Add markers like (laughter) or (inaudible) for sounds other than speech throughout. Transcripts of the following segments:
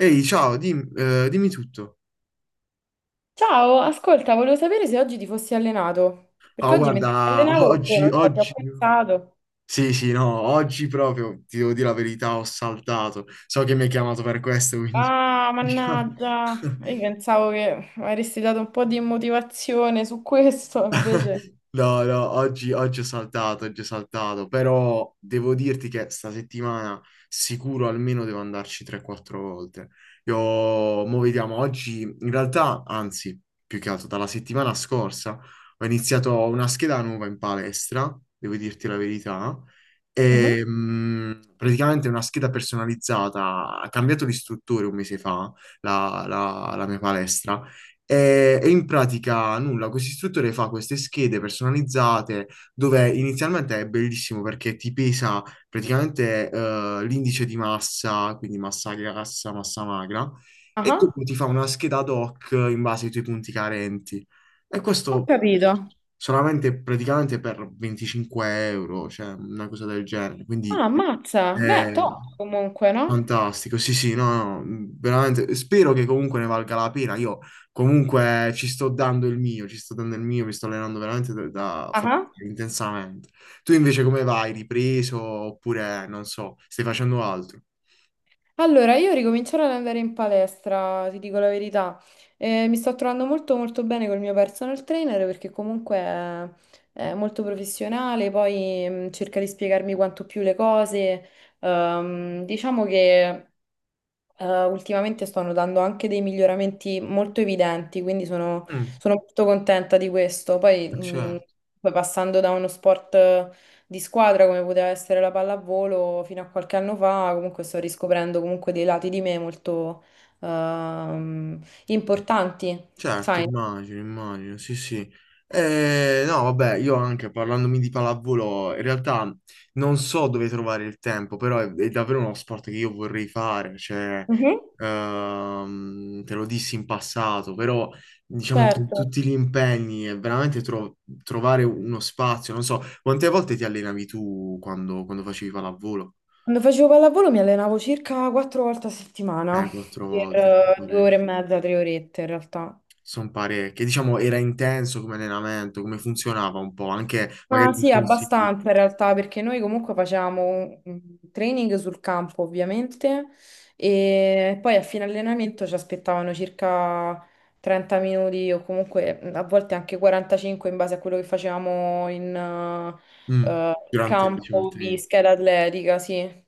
Ehi, ciao, dimmi tutto. Ciao, ascolta, volevo sapere se oggi ti fossi allenato, perché Oh, oggi mentre ti guarda, (laughs) allenavo, boh, oggi, non so, ti ho oggi... pensato. Sì, sì, no, oggi proprio, ti devo dire la verità, ho saltato. So che mi hai chiamato per questo, quindi... Ah, (laughs) diciamo- mannaggia, io (laughs) pensavo che avresti dato un po' di motivazione su questo, invece. No, no, oggi ho saltato, oggi ho saltato, però devo dirti che sta settimana sicuro almeno devo andarci 3-4 volte. Io, mo vediamo, oggi in realtà, anzi, più che altro dalla settimana scorsa ho iniziato una scheda nuova in palestra, devo dirti la verità, Mhm. e praticamente una scheda personalizzata, ha cambiato di istruttore un mese fa la mia palestra e in pratica nulla, questo istruttore fa queste schede personalizzate dove inizialmente è bellissimo perché ti pesa praticamente l'indice di massa, quindi massa grassa, massa magra, e Ah, dopo ti fa una scheda ad hoc in base ai tuoi punti carenti. E ho questo capito. solamente praticamente per 25 euro, cioè una cosa del genere. Ah, Quindi, ammazza, beh, eh, top comunque, no? fantastico, sì, sì, no, no, veramente spero che comunque ne valga la pena. Io comunque ci sto dando il mio, ci sto dando il mio, mi sto allenando veramente Ah. intensamente. Tu invece come vai? Ripreso oppure non so, stai facendo altro? Allora, io ricomincerò ad andare in palestra, ti dico la verità. Mi sto trovando molto molto bene col mio personal trainer perché comunque è molto professionale, poi cerca di spiegarmi quanto più le cose. Diciamo che ultimamente sto notando anche dei miglioramenti molto evidenti, quindi sono, Mm, sono molto contenta di questo. Poi, mh, certo. poi passando da uno sport di squadra come poteva essere la pallavolo fino a qualche anno fa, comunque sto riscoprendo comunque dei lati di me molto ehm, importanti, Certo, sai? immagino, immagino, sì, sì. No, vabbè, io anche parlandomi di pallavolo, in realtà non so dove trovare il tempo, però è davvero uno sport che io vorrei fare, cioè, Mhm. Te lo dissi in passato, però diciamo con Certo, tutti gli impegni è veramente trovare uno spazio, non so, quante volte ti allenavi tu quando facevi pallavolo? quando facevo pallavolo mi allenavo circa 4 volte a settimana, Quattro per volte. 2 ore e mezza, 3 orette in realtà. Sono parecchie. Diciamo, era intenso come allenamento, come funzionava un po', anche Ah, magari con sì, consigli. abbastanza in realtà, perché noi comunque facevamo un training sul campo, ovviamente, e poi a fine allenamento ci aspettavano circa 30 minuti o comunque a volte anche 45 in base a quello che facevamo in Mm. Durante, diciamo, il campo di training. scheda atletica, sì.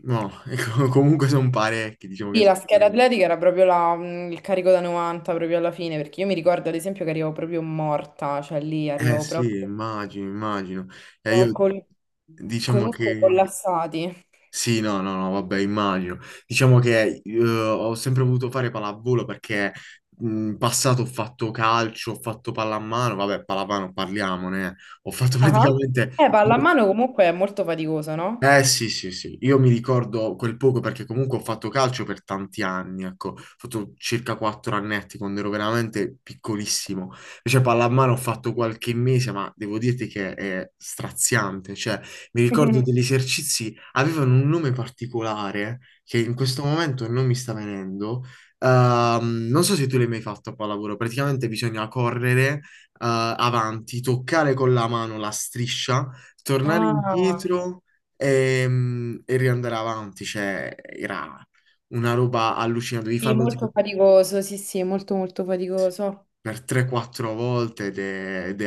No, (laughs) ecco, comunque sono parecchi, diciamo Sì, che sono la scheda parecchi. atletica era proprio il carico da 90 proprio alla fine, perché io mi ricordo ad esempio che arrivavo proprio morta, cioè lì Eh arrivavo sì, proprio immagino, immagino. E io con, con i diciamo muscoli che... collassati. Sì, no, no, no, vabbè, immagino. Diciamo che ho sempre voluto fare pallavolo perché in passato ho fatto calcio, ho fatto pallamano, vabbè, pallamano parliamone. Eh. Ho fatto (laughs) Ah. praticamente... Pallamano comunque è molto faticoso, no? Eh sì, sì, sì, io mi ricordo quel poco perché comunque ho fatto calcio per tanti anni, ecco, ho fatto circa quattro annetti quando ero veramente piccolissimo, invece pallamano ho fatto qualche mese, ma devo dirti che è straziante, cioè mi ricordo degli (laughs) esercizi, avevano un nome particolare che in questo momento non mi sta venendo. Non so se tu l'hai mai fatto a pallavolo, praticamente bisogna correre avanti, toccare con la mano la striscia, tornare Ah, indietro. E, riandare avanti, cioè era una roba allucinante, devi sì, farlo tipo molto faticoso, sì, sì, molto molto faticoso. per 3-4 volte ed è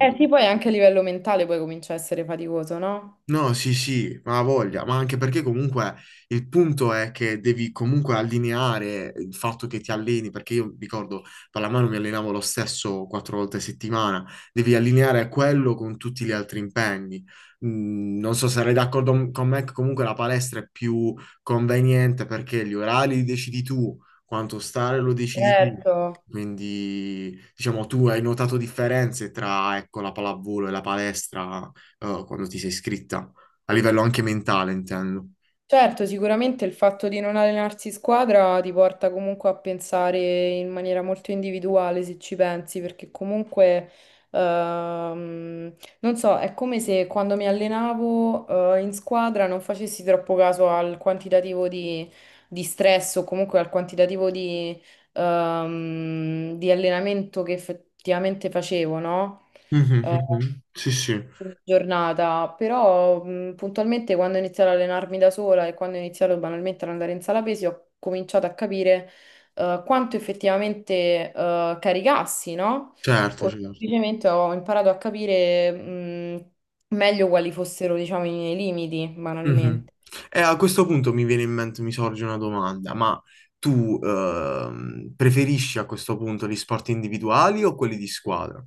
Eh sì, poi anche a livello mentale poi comincia a essere faticoso, no? No, sì, sì, ma ha voglia, ma anche perché comunque il punto è che devi comunque allineare il fatto che ti alleni, perché io ricordo pallamano mi allenavo lo stesso quattro volte a settimana, devi allineare quello con tutti gli altri impegni. Mm, non so se sarai d'accordo con me che comunque la palestra è più conveniente perché gli orari li decidi tu, quanto stare lo decidi tu. Certo. Quindi, diciamo, tu hai notato differenze tra, ecco, la pallavolo e la palestra? Quando ti sei iscritta, a livello anche mentale, intendo. Certo, sicuramente il fatto di non allenarsi in squadra ti porta comunque a pensare in maniera molto individuale, se ci pensi, perché comunque, ehm, non so, è come se quando mi allenavo, in squadra non facessi troppo caso al quantitativo di stress o comunque al quantitativo di allenamento che effettivamente facevo, no? Mhm, eh, mhm. Sì, sì, Giornata, però puntualmente quando ho iniziato ad allenarmi da sola e quando ho iniziato banalmente ad andare in sala pesi, ho cominciato a capire quanto effettivamente caricassi, no? certo, O certo. semplicemente ho imparato a capire meglio quali fossero, diciamo, i miei limiti, Mhm. banalmente. E a questo punto mi viene in mente, mi sorge una domanda, ma tu preferisci a questo punto gli sport individuali o quelli di squadra?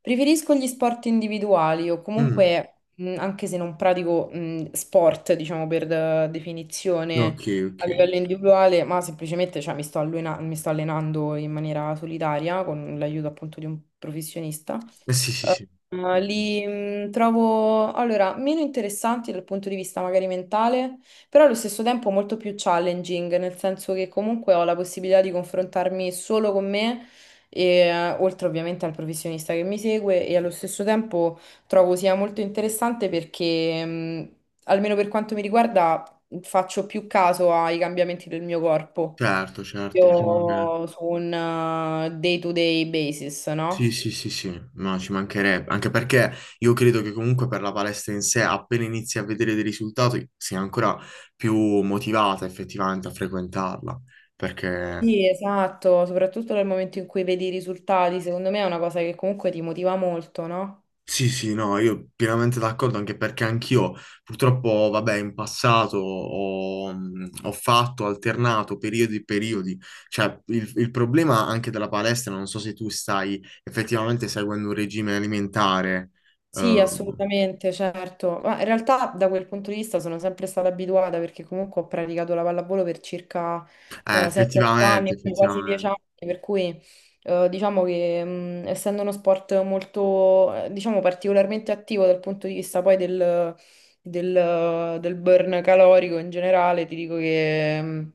Preferisco gli sport individuali o Mm, comunque, anche se non pratico, sport, diciamo per definizione ok, a ok. Livello individuale, ma semplicemente cioè, mi sto allenando in maniera solitaria con l'aiuto appunto di un professionista. Sì, sì, sì. Li trovo allora meno interessanti dal punto di vista magari mentale, però allo stesso tempo molto più challenging, nel senso che comunque ho la possibilità di confrontarmi solo con me, e, oltre ovviamente al professionista che mi segue, e allo stesso tempo trovo sia molto interessante perché, almeno per quanto mi riguarda, faccio più caso ai cambiamenti del mio corpo. Certo, certo. Diciamo che... Io su un day to day basis, no? Sì, sì, sì, sì, no, ci mancherebbe, anche perché io credo che comunque per la palestra in sé, appena inizi a vedere dei risultati, sia ancora più motivata effettivamente a frequentarla, perché Sì, esatto, soprattutto nel momento in cui vedi i risultati, secondo me è una cosa che comunque ti motiva molto, no? sì, sì, no, io pienamente d'accordo, anche perché anch'io purtroppo, vabbè, in passato ho fatto, alternato periodi e periodi, cioè il problema anche della palestra, non so se tu stai effettivamente seguendo un regime alimentare, Sì, ehm, assolutamente, certo. Ma in realtà da quel punto di vista sono sempre stata abituata perché comunque ho praticato la pallavolo per circa eh, 7-8 effettivamente, anni, quindi quasi 10 anni, effettivamente. per cui diciamo che essendo uno sport molto, diciamo, particolarmente attivo dal punto di vista poi del burn calorico in generale, ti dico che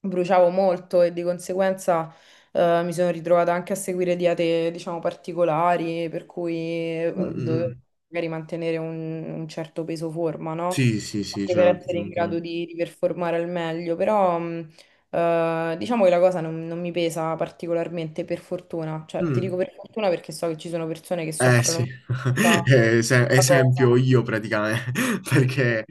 bruciavo molto e di conseguenza. Mi sono ritrovata anche a seguire diete, diciamo, particolari, per cui Mm, mm, mm. dovevo Mm. magari mantenere un certo peso forma, no? Sì, sì, sì, Anche per certo, ci essere in grado mancherebbe. di performare al meglio, però diciamo che la cosa non mi pesa particolarmente, per fortuna. Cioè, ti dico Mm. per fortuna perché so che ci sono persone che Eh soffrono sì, (laughs) molta Eh, se- questa esempio cosa. io praticamente, (laughs) perché Ok,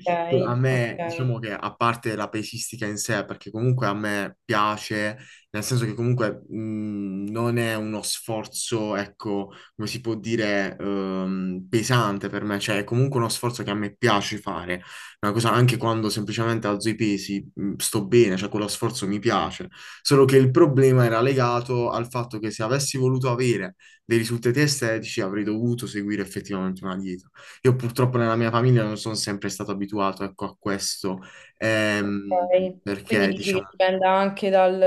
a me, ok. diciamo che a parte la pesistica in sé, perché comunque a me piace, nel senso che comunque non è uno sforzo, ecco, come si può dire, pesante per me, cioè è comunque uno sforzo che a me piace fare, una cosa anche quando semplicemente alzo i pesi, sto bene, cioè quello sforzo mi piace, solo che il problema era legato al fatto che se avessi voluto avere dei risultati estetici, avrei dovuto seguire effettivamente una dieta. Io purtroppo nella mia famiglia non sono sempre stato abituato, ecco, a questo, ehm, Ok, quindi perché dici che diciamo, dipende anche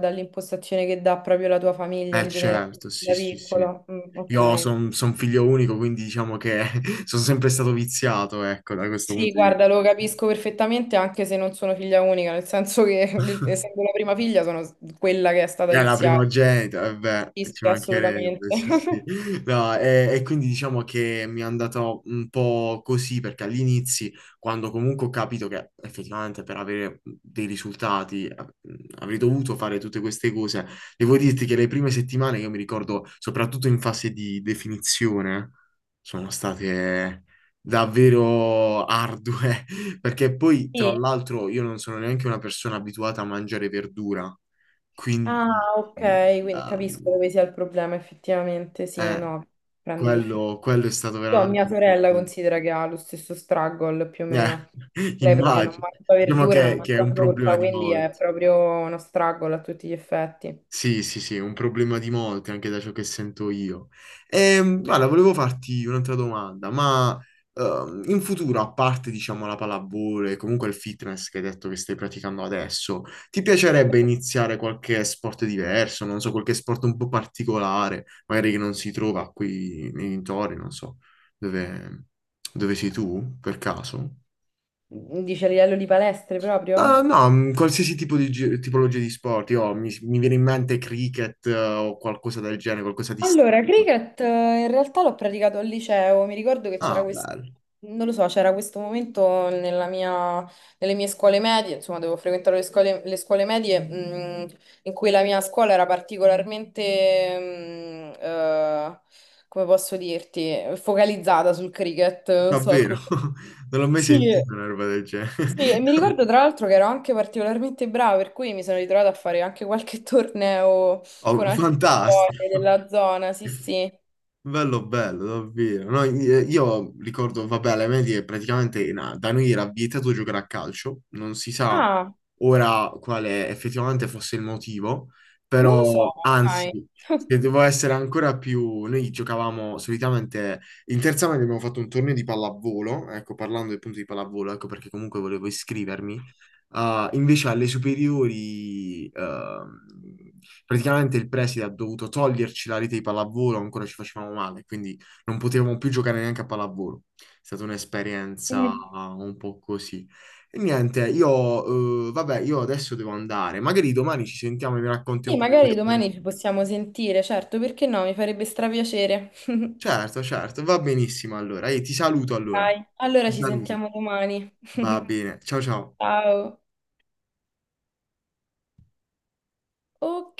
dall'impostazione che dà proprio la tua famiglia eh in generale, certo, sì, da sì, sì. piccola. Mm, Io ok. sono figlio unico, quindi diciamo che (laughs) sono sempre stato viziato, ecco, da questo Sì, punto di guarda, lo capisco perfettamente anche se non sono figlia unica, nel senso che (laughs) vista. (laughs) essendo la prima figlia sono quella che è stata Era la viziata. primogenita, vabbè, Sì, ci sì, assolutamente. mancherebbe, sì, sì. (laughs) No, e quindi diciamo che mi è andato un po' così, perché all'inizio, quando comunque ho capito che effettivamente per avere dei risultati avrei dovuto fare tutte queste cose, devo dirti che le prime settimane, io mi ricordo, soprattutto in fase di definizione, sono state davvero ardue, (laughs) perché poi, tra Sì. l'altro, io non sono neanche una persona abituata a mangiare verdura. Ah, Quindi ok, quindi capisco ehm, dove sia il problema, effettivamente, sì, eh, no, prendo perfettamente. quello è stato Io ho veramente mia un sorella problema. considera che ha lo stesso struggle più o Eh, meno. (laughs) Lei proprio non immagino. mangia Diciamo verdure, non che è mangia un frutta, problema di quindi è molti. proprio uno struggle a tutti gli effetti. Sì, sì, sì, è un problema di molti, anche da ciò che sento io. Guarda, volevo farti un'altra domanda, ma in futuro, a parte, diciamo, la pallavolo e comunque il fitness che hai detto che stai praticando adesso, ti piacerebbe iniziare qualche sport diverso, non so, qualche sport un po' particolare, magari che non si trova qui nei dintorni, non so, dove, dove sei tu, per caso? Dice a livello di palestre proprio? No, qualsiasi tipo di tipologia di sport. Io, mi viene in mente cricket, o qualcosa del genere, qualcosa di strano. Allora, cricket in realtà l'ho praticato al liceo, mi ricordo che c'era Ah, questo, bello, non lo so, c'era questo momento nelle mie scuole medie, insomma, devo frequentare le scuole medie, in cui la mia scuola era particolarmente, come posso dirti, focalizzata sul cricket, non so davvero. come. (laughs) Non l'ho mai Sì, sentito una roba del genere. sì, e mi ricordo (laughs) tra l'altro che ero anche particolarmente brava, per cui mi sono ritrovata a fare anche qualche (laughs) torneo con Oh, altre scuole fantastico. della zona, sì, sì. Bello, bello, davvero. No, io ricordo, vabbè, alle medie praticamente da noi era vietato giocare a calcio, non si sa Ah, ora quale effettivamente fosse il motivo, non lo so, però anzi, sai. (laughs) se devo essere ancora più... Noi giocavamo solitamente, in terza media abbiamo fatto un torneo di pallavolo, ecco, parlando appunto di pallavolo, ecco perché comunque volevo iscrivermi. Ah, invece alle superiori, praticamente il preside ha dovuto toglierci la rete di pallavolo, ancora ci facevamo male, quindi non potevamo più giocare neanche a pallavolo. È stata un'esperienza Mm. ah, un po' così. E niente, io, vabbè, io adesso devo andare. Magari domani ci sentiamo e mi racconti un Sì, po' di magari questa domani ci esperienza. possiamo sentire, certo, perché no? Mi farebbe strapiacere. (laughs) Certo, certo, va benissimo allora. Io ti saluto allora. Dai, allora Ti ci saluto. sentiamo domani. Va (laughs) bene. Ciao ciao. Ciao. Ok.